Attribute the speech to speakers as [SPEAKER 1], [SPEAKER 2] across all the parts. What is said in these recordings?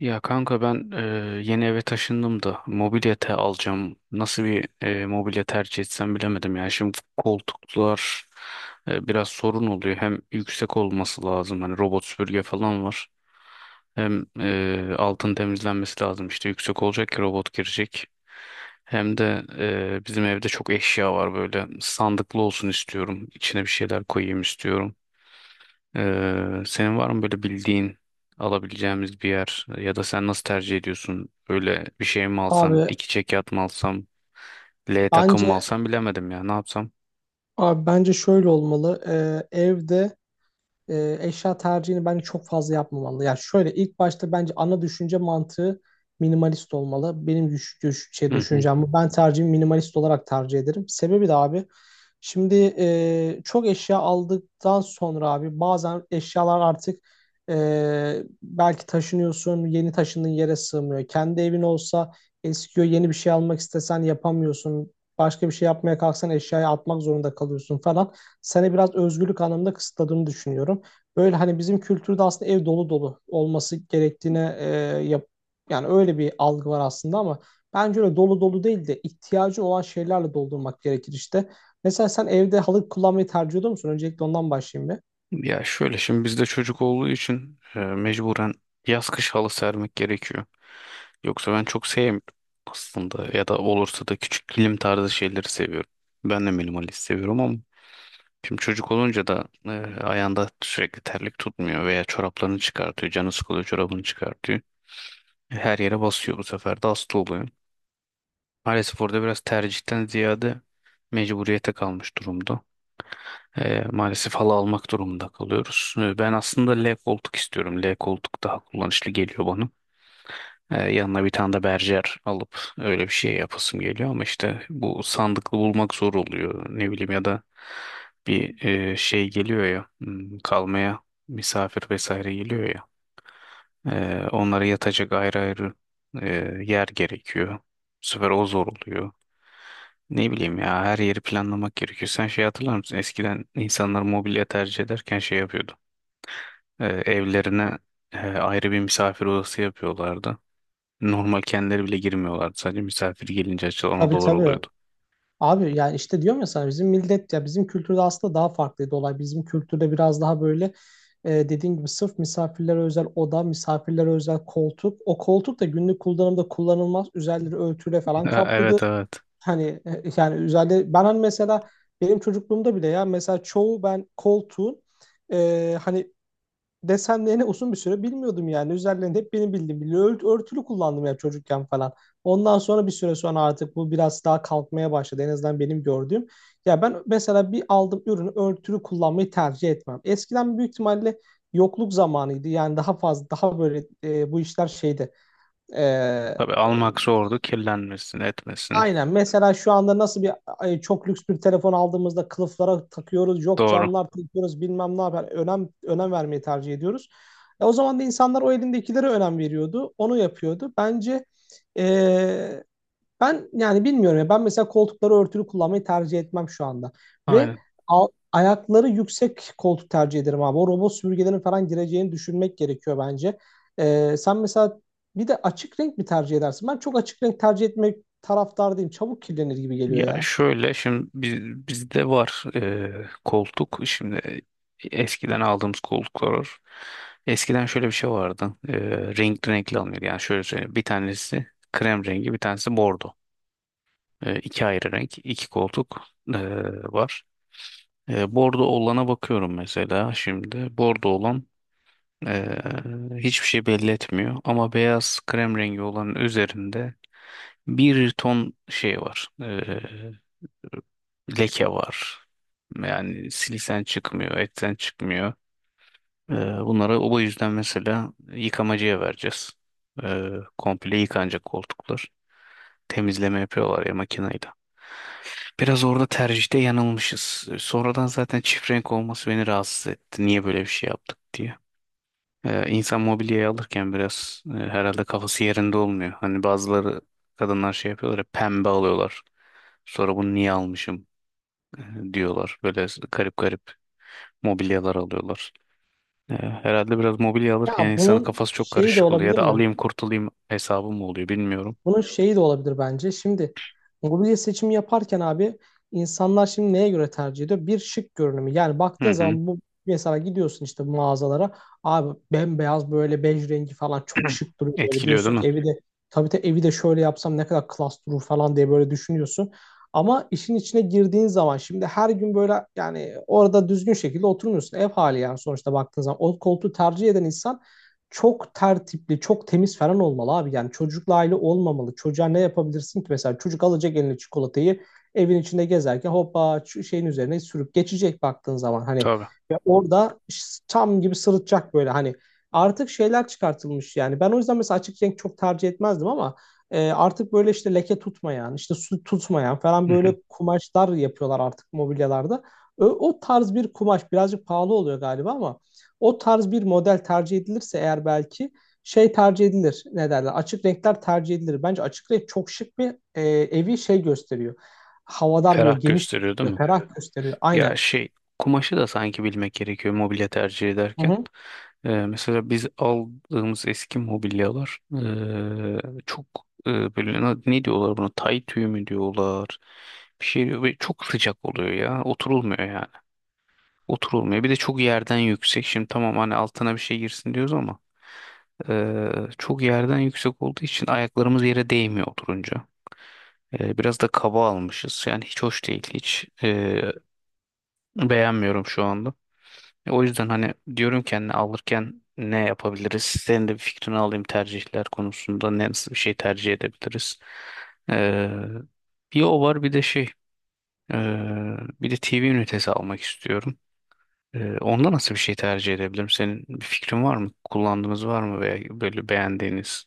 [SPEAKER 1] Ya kanka yeni eve taşındım da mobilyete alacağım. Nasıl bir mobilya tercih etsem bilemedim ya. Şimdi koltuklar biraz sorun oluyor. Hem yüksek olması lazım. Hani robot süpürge falan var. Hem altın temizlenmesi lazım. İşte yüksek olacak ki robot girecek. Hem de bizim evde çok eşya var böyle. Sandıklı olsun istiyorum. İçine bir şeyler koyayım istiyorum. Senin var mı böyle bildiğin alabileceğimiz bir yer ya da sen nasıl tercih ediyorsun? Öyle bir şey mi alsam,
[SPEAKER 2] Abi
[SPEAKER 1] iki çekyat mı alsam, L takım
[SPEAKER 2] bence
[SPEAKER 1] mı alsam bilemedim ya ne yapsam?
[SPEAKER 2] abi, bence şöyle olmalı. Evde eşya tercihini bence çok fazla yapmamalı. Yani şöyle ilk başta bence ana düşünce mantığı minimalist olmalı. Benim
[SPEAKER 1] Hı hı.
[SPEAKER 2] düşüncem bu. Ben tercihimi minimalist olarak tercih ederim. Sebebi de abi, şimdi çok eşya aldıktan sonra abi bazen eşyalar artık belki taşınıyorsun, yeni taşındığın yere sığmıyor. Kendi evin olsa eskiyor, yeni bir şey almak istesen yapamıyorsun. Başka bir şey yapmaya kalksan eşyayı atmak zorunda kalıyorsun falan, seni biraz özgürlük anlamında kısıtladığını düşünüyorum. Böyle hani bizim kültürde aslında ev dolu dolu olması gerektiğine yap, yani öyle bir algı var aslında, ama bence öyle dolu dolu değil de ihtiyacı olan şeylerle doldurmak gerekir işte. Mesela sen evde halı kullanmayı tercih ediyor musun? Öncelikle ondan başlayayım bir.
[SPEAKER 1] Ya şöyle şimdi bizde çocuk olduğu için mecburen yaz kış halı sermek gerekiyor. Yoksa ben çok sevmiyorum aslında ya da olursa da küçük kilim tarzı şeyleri seviyorum. Ben de minimalist seviyorum ama şimdi çocuk olunca da ayağında sürekli terlik tutmuyor veya çoraplarını çıkartıyor, canı sıkılıyor çorabını çıkartıyor. Her yere basıyor bu sefer de hasta oluyor. Maalesef orada biraz tercihten ziyade mecburiyete kalmış durumda. Maalesef halı almak durumunda kalıyoruz. Ben aslında L koltuk istiyorum. L koltuk daha kullanışlı geliyor bana. Yanına bir tane de berjer alıp öyle bir şey yapasım geliyor ama işte bu sandıklı bulmak zor oluyor. Ne bileyim ya da bir şey geliyor ya kalmaya misafir vesaire geliyor ya. Onlara yatacak ayrı ayrı e, yer gerekiyor. Bu sefer o zor oluyor. Ne bileyim ya her yeri planlamak gerekiyor. Sen şey hatırlar mısın? Eskiden insanlar mobilya tercih ederken şey yapıyordu. Evlerine ayrı bir misafir odası yapıyorlardı. Normal kendileri bile girmiyorlardı. Sadece misafir gelince açılan
[SPEAKER 2] Tabii,
[SPEAKER 1] odalar
[SPEAKER 2] tabii.
[SPEAKER 1] oluyordu.
[SPEAKER 2] Abi yani işte diyorum ya sana, bizim millet, ya bizim kültürde aslında daha farklıydı olay. Bizim kültürde biraz daha böyle dediğin gibi sırf misafirlere özel oda, misafirlere özel koltuk. O koltuk da günlük kullanımda kullanılmaz. Üzerleri örtüyle falan
[SPEAKER 1] Ha, evet
[SPEAKER 2] kaplıdır.
[SPEAKER 1] evet.
[SPEAKER 2] Hani yani üzerleri, ben hani mesela benim çocukluğumda bile, ya mesela çoğu ben koltuğun hani desenlerini uzun bir süre bilmiyordum yani. Üzerlerinde hep benim bildiğim bir örtülü kullandım ya çocukken falan. Ondan sonra bir süre sonra artık bu biraz daha kalkmaya başladı. En azından benim gördüğüm. Ya ben mesela bir aldığım ürünü örtülü kullanmayı tercih etmem. Eskiden büyük ihtimalle yokluk zamanıydı. Yani daha fazla daha böyle bu işler şeydi. E,
[SPEAKER 1] Tabii almak zordu. Kirlenmesin, etmesin.
[SPEAKER 2] Aynen. Mesela şu anda nasıl bir çok lüks bir telefon aldığımızda kılıflara takıyoruz, yok
[SPEAKER 1] Doğru.
[SPEAKER 2] camlar takıyoruz, bilmem ne yapar. Önem vermeyi tercih ediyoruz. O zaman da insanlar o elindekilere önem veriyordu, onu yapıyordu. Bence e, ben yani bilmiyorum ya. Ben mesela koltukları örtülü kullanmayı tercih etmem şu anda. Ve
[SPEAKER 1] Aynen.
[SPEAKER 2] a- ayakları yüksek koltuk tercih ederim abi. O robot süpürgelerin falan gireceğini düşünmek gerekiyor bence. Sen mesela bir de açık renk mi tercih edersin? Ben çok açık renk tercih etmek taraftar değilim. Çabuk kirlenir gibi geliyor
[SPEAKER 1] Ya
[SPEAKER 2] ya.
[SPEAKER 1] şöyle şimdi biz, bizde var koltuk. Şimdi eskiden aldığımız koltuklar var. Eskiden şöyle bir şey vardı. Renkli renkli alınıyordu. Yani şöyle söyleyeyim. Bir tanesi krem rengi, bir tanesi bordo. İki ayrı renk, iki koltuk e, var. Bordo olana bakıyorum mesela şimdi. Bordo olan e, hiçbir şey belli etmiyor. Ama beyaz krem rengi olanın üzerinde bir ton şey var. Leke var. Yani silisen çıkmıyor, etten çıkmıyor. Ee, Bunları o yüzden mesela yıkamacıya vereceğiz. Ee, Komple yıkanacak koltuklar. Temizleme yapıyorlar ya makineyle. Biraz orada tercihte yanılmışız. Sonradan zaten çift renk olması beni rahatsız etti. Niye böyle bir şey yaptık diye. İnsan mobilyayı alırken biraz herhalde kafası yerinde olmuyor. Hani bazıları kadınlar şey yapıyorlar ya pembe alıyorlar. Sonra bunu niye almışım e, diyorlar. Böyle garip garip mobilyalar alıyorlar. Herhalde biraz mobilya alırken yani
[SPEAKER 2] Ya
[SPEAKER 1] insanın
[SPEAKER 2] bunun
[SPEAKER 1] kafası çok
[SPEAKER 2] şeyi de
[SPEAKER 1] karışık oluyor ya
[SPEAKER 2] olabilir
[SPEAKER 1] da
[SPEAKER 2] mi?
[SPEAKER 1] alayım kurtulayım hesabı mı oluyor bilmiyorum.
[SPEAKER 2] Bunun şeyi de olabilir bence. Şimdi mobilya seçimi yaparken abi, insanlar şimdi neye göre tercih ediyor? Bir şık görünümü. Yani
[SPEAKER 1] Hı
[SPEAKER 2] baktığın
[SPEAKER 1] hı.
[SPEAKER 2] zaman bu, mesela gidiyorsun işte mağazalara. Abi bembeyaz böyle bej rengi falan çok şık duruyor. Böyle
[SPEAKER 1] Etkiliyor değil
[SPEAKER 2] diyorsun
[SPEAKER 1] mi?
[SPEAKER 2] ki evi de, tabii, evi de şöyle yapsam ne kadar klas durur falan diye böyle düşünüyorsun. Ama işin içine girdiğin zaman şimdi her gün böyle, yani orada düzgün şekilde oturmuyorsun. Ev hali yani sonuçta baktığın zaman. O koltuğu tercih eden insan çok tertipli, çok temiz falan olmalı abi. Yani çocukla aile olmamalı. Çocuğa ne yapabilirsin ki? Mesela çocuk alacak eline çikolatayı, evin içinde gezerken hoppa şeyin üzerine sürüp geçecek baktığın zaman. Hani
[SPEAKER 1] Tabii.
[SPEAKER 2] ve orada tam gibi sırıtacak, böyle hani artık şeyler çıkartılmış yani. Ben o yüzden mesela açık renk çok tercih etmezdim ama artık böyle işte leke tutmayan, işte su tutmayan falan
[SPEAKER 1] Hı
[SPEAKER 2] böyle
[SPEAKER 1] hı.
[SPEAKER 2] kumaşlar yapıyorlar artık mobilyalarda. O tarz bir kumaş birazcık pahalı oluyor galiba, ama o tarz bir model tercih edilirse eğer belki şey tercih edilir. Ne derler? Açık renkler tercih edilir. Bence açık renk çok şık bir evi şey gösteriyor. Havadar böyle
[SPEAKER 1] Ferah
[SPEAKER 2] geniş
[SPEAKER 1] gösteriyor değil
[SPEAKER 2] gösteriyor,
[SPEAKER 1] mi?
[SPEAKER 2] ferah gösteriyor. Aynen.
[SPEAKER 1] Ya şey kumaşı da sanki bilmek gerekiyor mobilya tercih
[SPEAKER 2] Hı
[SPEAKER 1] ederken.
[SPEAKER 2] hı.
[SPEAKER 1] Mesela biz aldığımız eski mobilyalar çok böyle ne, ne diyorlar buna? Tay tüyü mü diyorlar? Bir şey diyor ve çok sıcak oluyor ya. Oturulmuyor yani. Oturulmuyor. Bir de çok yerden yüksek. Şimdi tamam hani altına bir şey girsin diyoruz ama eee, çok yerden yüksek olduğu için ayaklarımız yere değmiyor oturunca. Biraz da kaba almışız. Yani hiç hoş değil. Hiç beğenmiyorum şu anda. O yüzden hani diyorum ki hani alırken ne yapabiliriz? Senin de bir fikrini alayım tercihler konusunda. Ne, nasıl bir şey tercih edebiliriz? Eee, Bir o var bir de şey bir de TV ünitesi almak istiyorum. Onda nasıl bir şey tercih edebilirim? Senin bir fikrin var mı? Kullandığınız var mı veya böyle beğendiğiniz?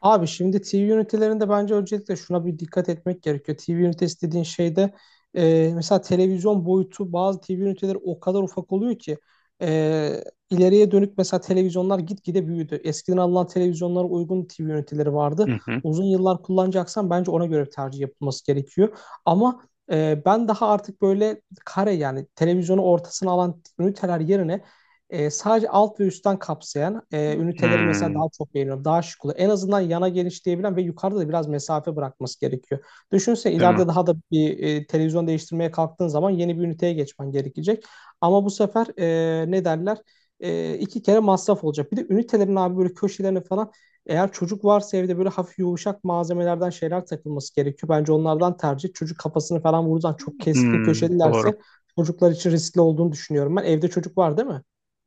[SPEAKER 2] Abi şimdi TV ünitelerinde bence öncelikle şuna bir dikkat etmek gerekiyor. TV ünitesi dediğin şeyde mesela televizyon boyutu, bazı TV üniteleri o kadar ufak oluyor ki e, ileriye dönük mesela televizyonlar gitgide büyüdü. Eskiden alınan televizyonlara uygun TV üniteleri vardı.
[SPEAKER 1] Hı hı.
[SPEAKER 2] Uzun yıllar kullanacaksan bence ona göre bir tercih yapılması gerekiyor. Ama ben daha artık böyle kare, yani televizyonu ortasına alan üniteler yerine sadece alt ve üstten kapsayan üniteleri mesela
[SPEAKER 1] Hmm,
[SPEAKER 2] daha çok beğeniyorum. Daha şık oluyor. En azından yana genişleyebilen ve yukarıda da biraz mesafe bırakması gerekiyor. Düşünse
[SPEAKER 1] değil mi?
[SPEAKER 2] ileride daha da bir televizyon değiştirmeye kalktığın zaman yeni bir üniteye geçmen gerekecek. Ama bu sefer ne derler? İki kere masraf olacak. Bir de ünitelerin abi böyle köşelerini falan, eğer çocuk varsa evde böyle hafif yumuşak malzemelerden şeyler takılması gerekiyor. Bence onlardan tercih. Çocuk kafasını falan vurursan, çok keskin
[SPEAKER 1] Hmm, doğru.
[SPEAKER 2] köşelilerse çocuklar için riskli olduğunu düşünüyorum ben. Evde çocuk var değil mi?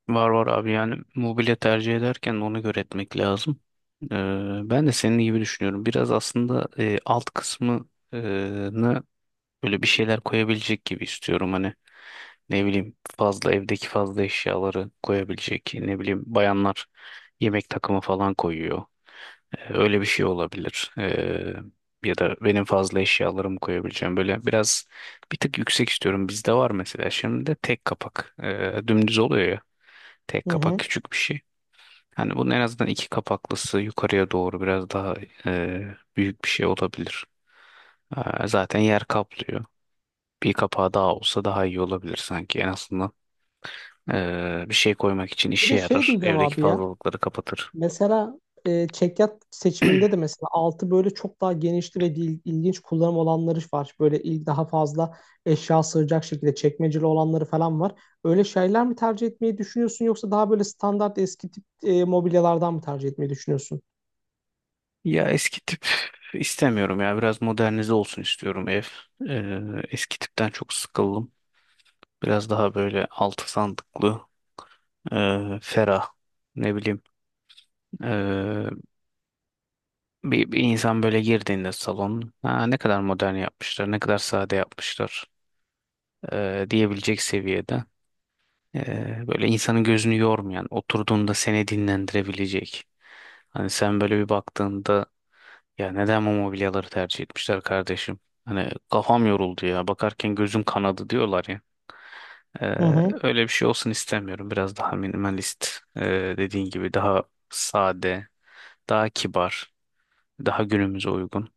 [SPEAKER 1] Var var abi yani mobilya tercih ederken ona göre etmek lazım. Ee, Ben de senin gibi düşünüyorum. Biraz aslında alt kısmını böyle bir şeyler koyabilecek gibi istiyorum hani ne bileyim fazla evdeki fazla eşyaları koyabilecek ne bileyim bayanlar yemek takımı falan koyuyor. Öyle bir şey olabilir. Ya da benim fazla eşyalarımı koyabileceğim böyle biraz bir tık yüksek istiyorum. Bizde var mesela şimdi de tek kapak, dümdüz oluyor ya tek
[SPEAKER 2] Hı
[SPEAKER 1] kapak
[SPEAKER 2] hı.
[SPEAKER 1] küçük bir şey. Hani bunun en azından iki kapaklısı yukarıya doğru biraz daha büyük bir şey olabilir. Zaten yer kaplıyor. Bir kapağı daha olsa daha iyi olabilir sanki. En azından bir şey koymak için
[SPEAKER 2] Bir
[SPEAKER 1] işe
[SPEAKER 2] de şey
[SPEAKER 1] yarar.
[SPEAKER 2] diyeceğim
[SPEAKER 1] Evdeki
[SPEAKER 2] abi ya.
[SPEAKER 1] fazlalıkları kapatır.
[SPEAKER 2] Mesela çekyat seçiminde de mesela altı böyle çok daha genişli ve ilginç kullanım olanları var. Böyle il daha fazla eşya sığacak şekilde çekmeceli olanları falan var. Öyle şeyler mi tercih etmeyi düşünüyorsun, yoksa daha böyle standart eski tip mobilyalardan mı tercih etmeyi düşünüyorsun?
[SPEAKER 1] Ya eski tip istemiyorum ya. Biraz modernize olsun istiyorum ev. Eee, Eski tipten çok sıkıldım. Biraz daha böyle altı sandıklı, ferah. Ne bileyim. eee, bir insan böyle girdiğinde salon, ha, ne kadar modern yapmışlar, ne kadar sade yapmışlar diyebilecek seviyede. Böyle insanın gözünü yormayan, oturduğunda seni dinlendirebilecek. Hani sen böyle bir baktığında ya neden bu mobilyaları tercih etmişler kardeşim? Hani kafam yoruldu ya bakarken gözüm kanadı diyorlar ya. Ee,
[SPEAKER 2] Hı hı.
[SPEAKER 1] Öyle bir şey olsun istemiyorum. Biraz daha minimalist, ee, dediğin gibi daha sade, daha kibar, daha günümüze uygun.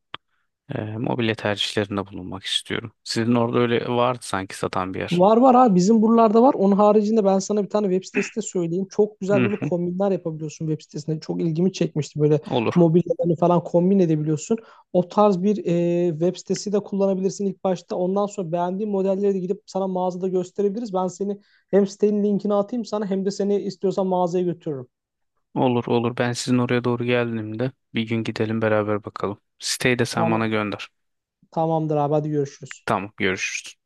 [SPEAKER 1] Mobilya tercihlerinde bulunmak istiyorum. Sizin orada öyle vardı sanki satan bir yer.
[SPEAKER 2] Var var abi, bizim buralarda var. Onun haricinde ben sana bir tane web sitesi de söyleyeyim. Çok güzel
[SPEAKER 1] Hı
[SPEAKER 2] böyle
[SPEAKER 1] hı,
[SPEAKER 2] kombinler yapabiliyorsun web sitesinde. Çok ilgimi çekmişti. Böyle
[SPEAKER 1] olur.
[SPEAKER 2] mobilyalarını falan kombin edebiliyorsun. O tarz bir web sitesi de kullanabilirsin ilk başta. Ondan sonra beğendiğin modelleri de gidip sana mağazada gösterebiliriz. Ben seni hem sitenin linkini atayım sana, hem de seni istiyorsan mağazaya götürürüm.
[SPEAKER 1] Olur olur. Ben sizin oraya doğru geldiğimde bir gün gidelim beraber bakalım. Siteyi de sen bana
[SPEAKER 2] Tamam,
[SPEAKER 1] gönder.
[SPEAKER 2] tamamdır abi, hadi görüşürüz.
[SPEAKER 1] Tamam, görüşürüz.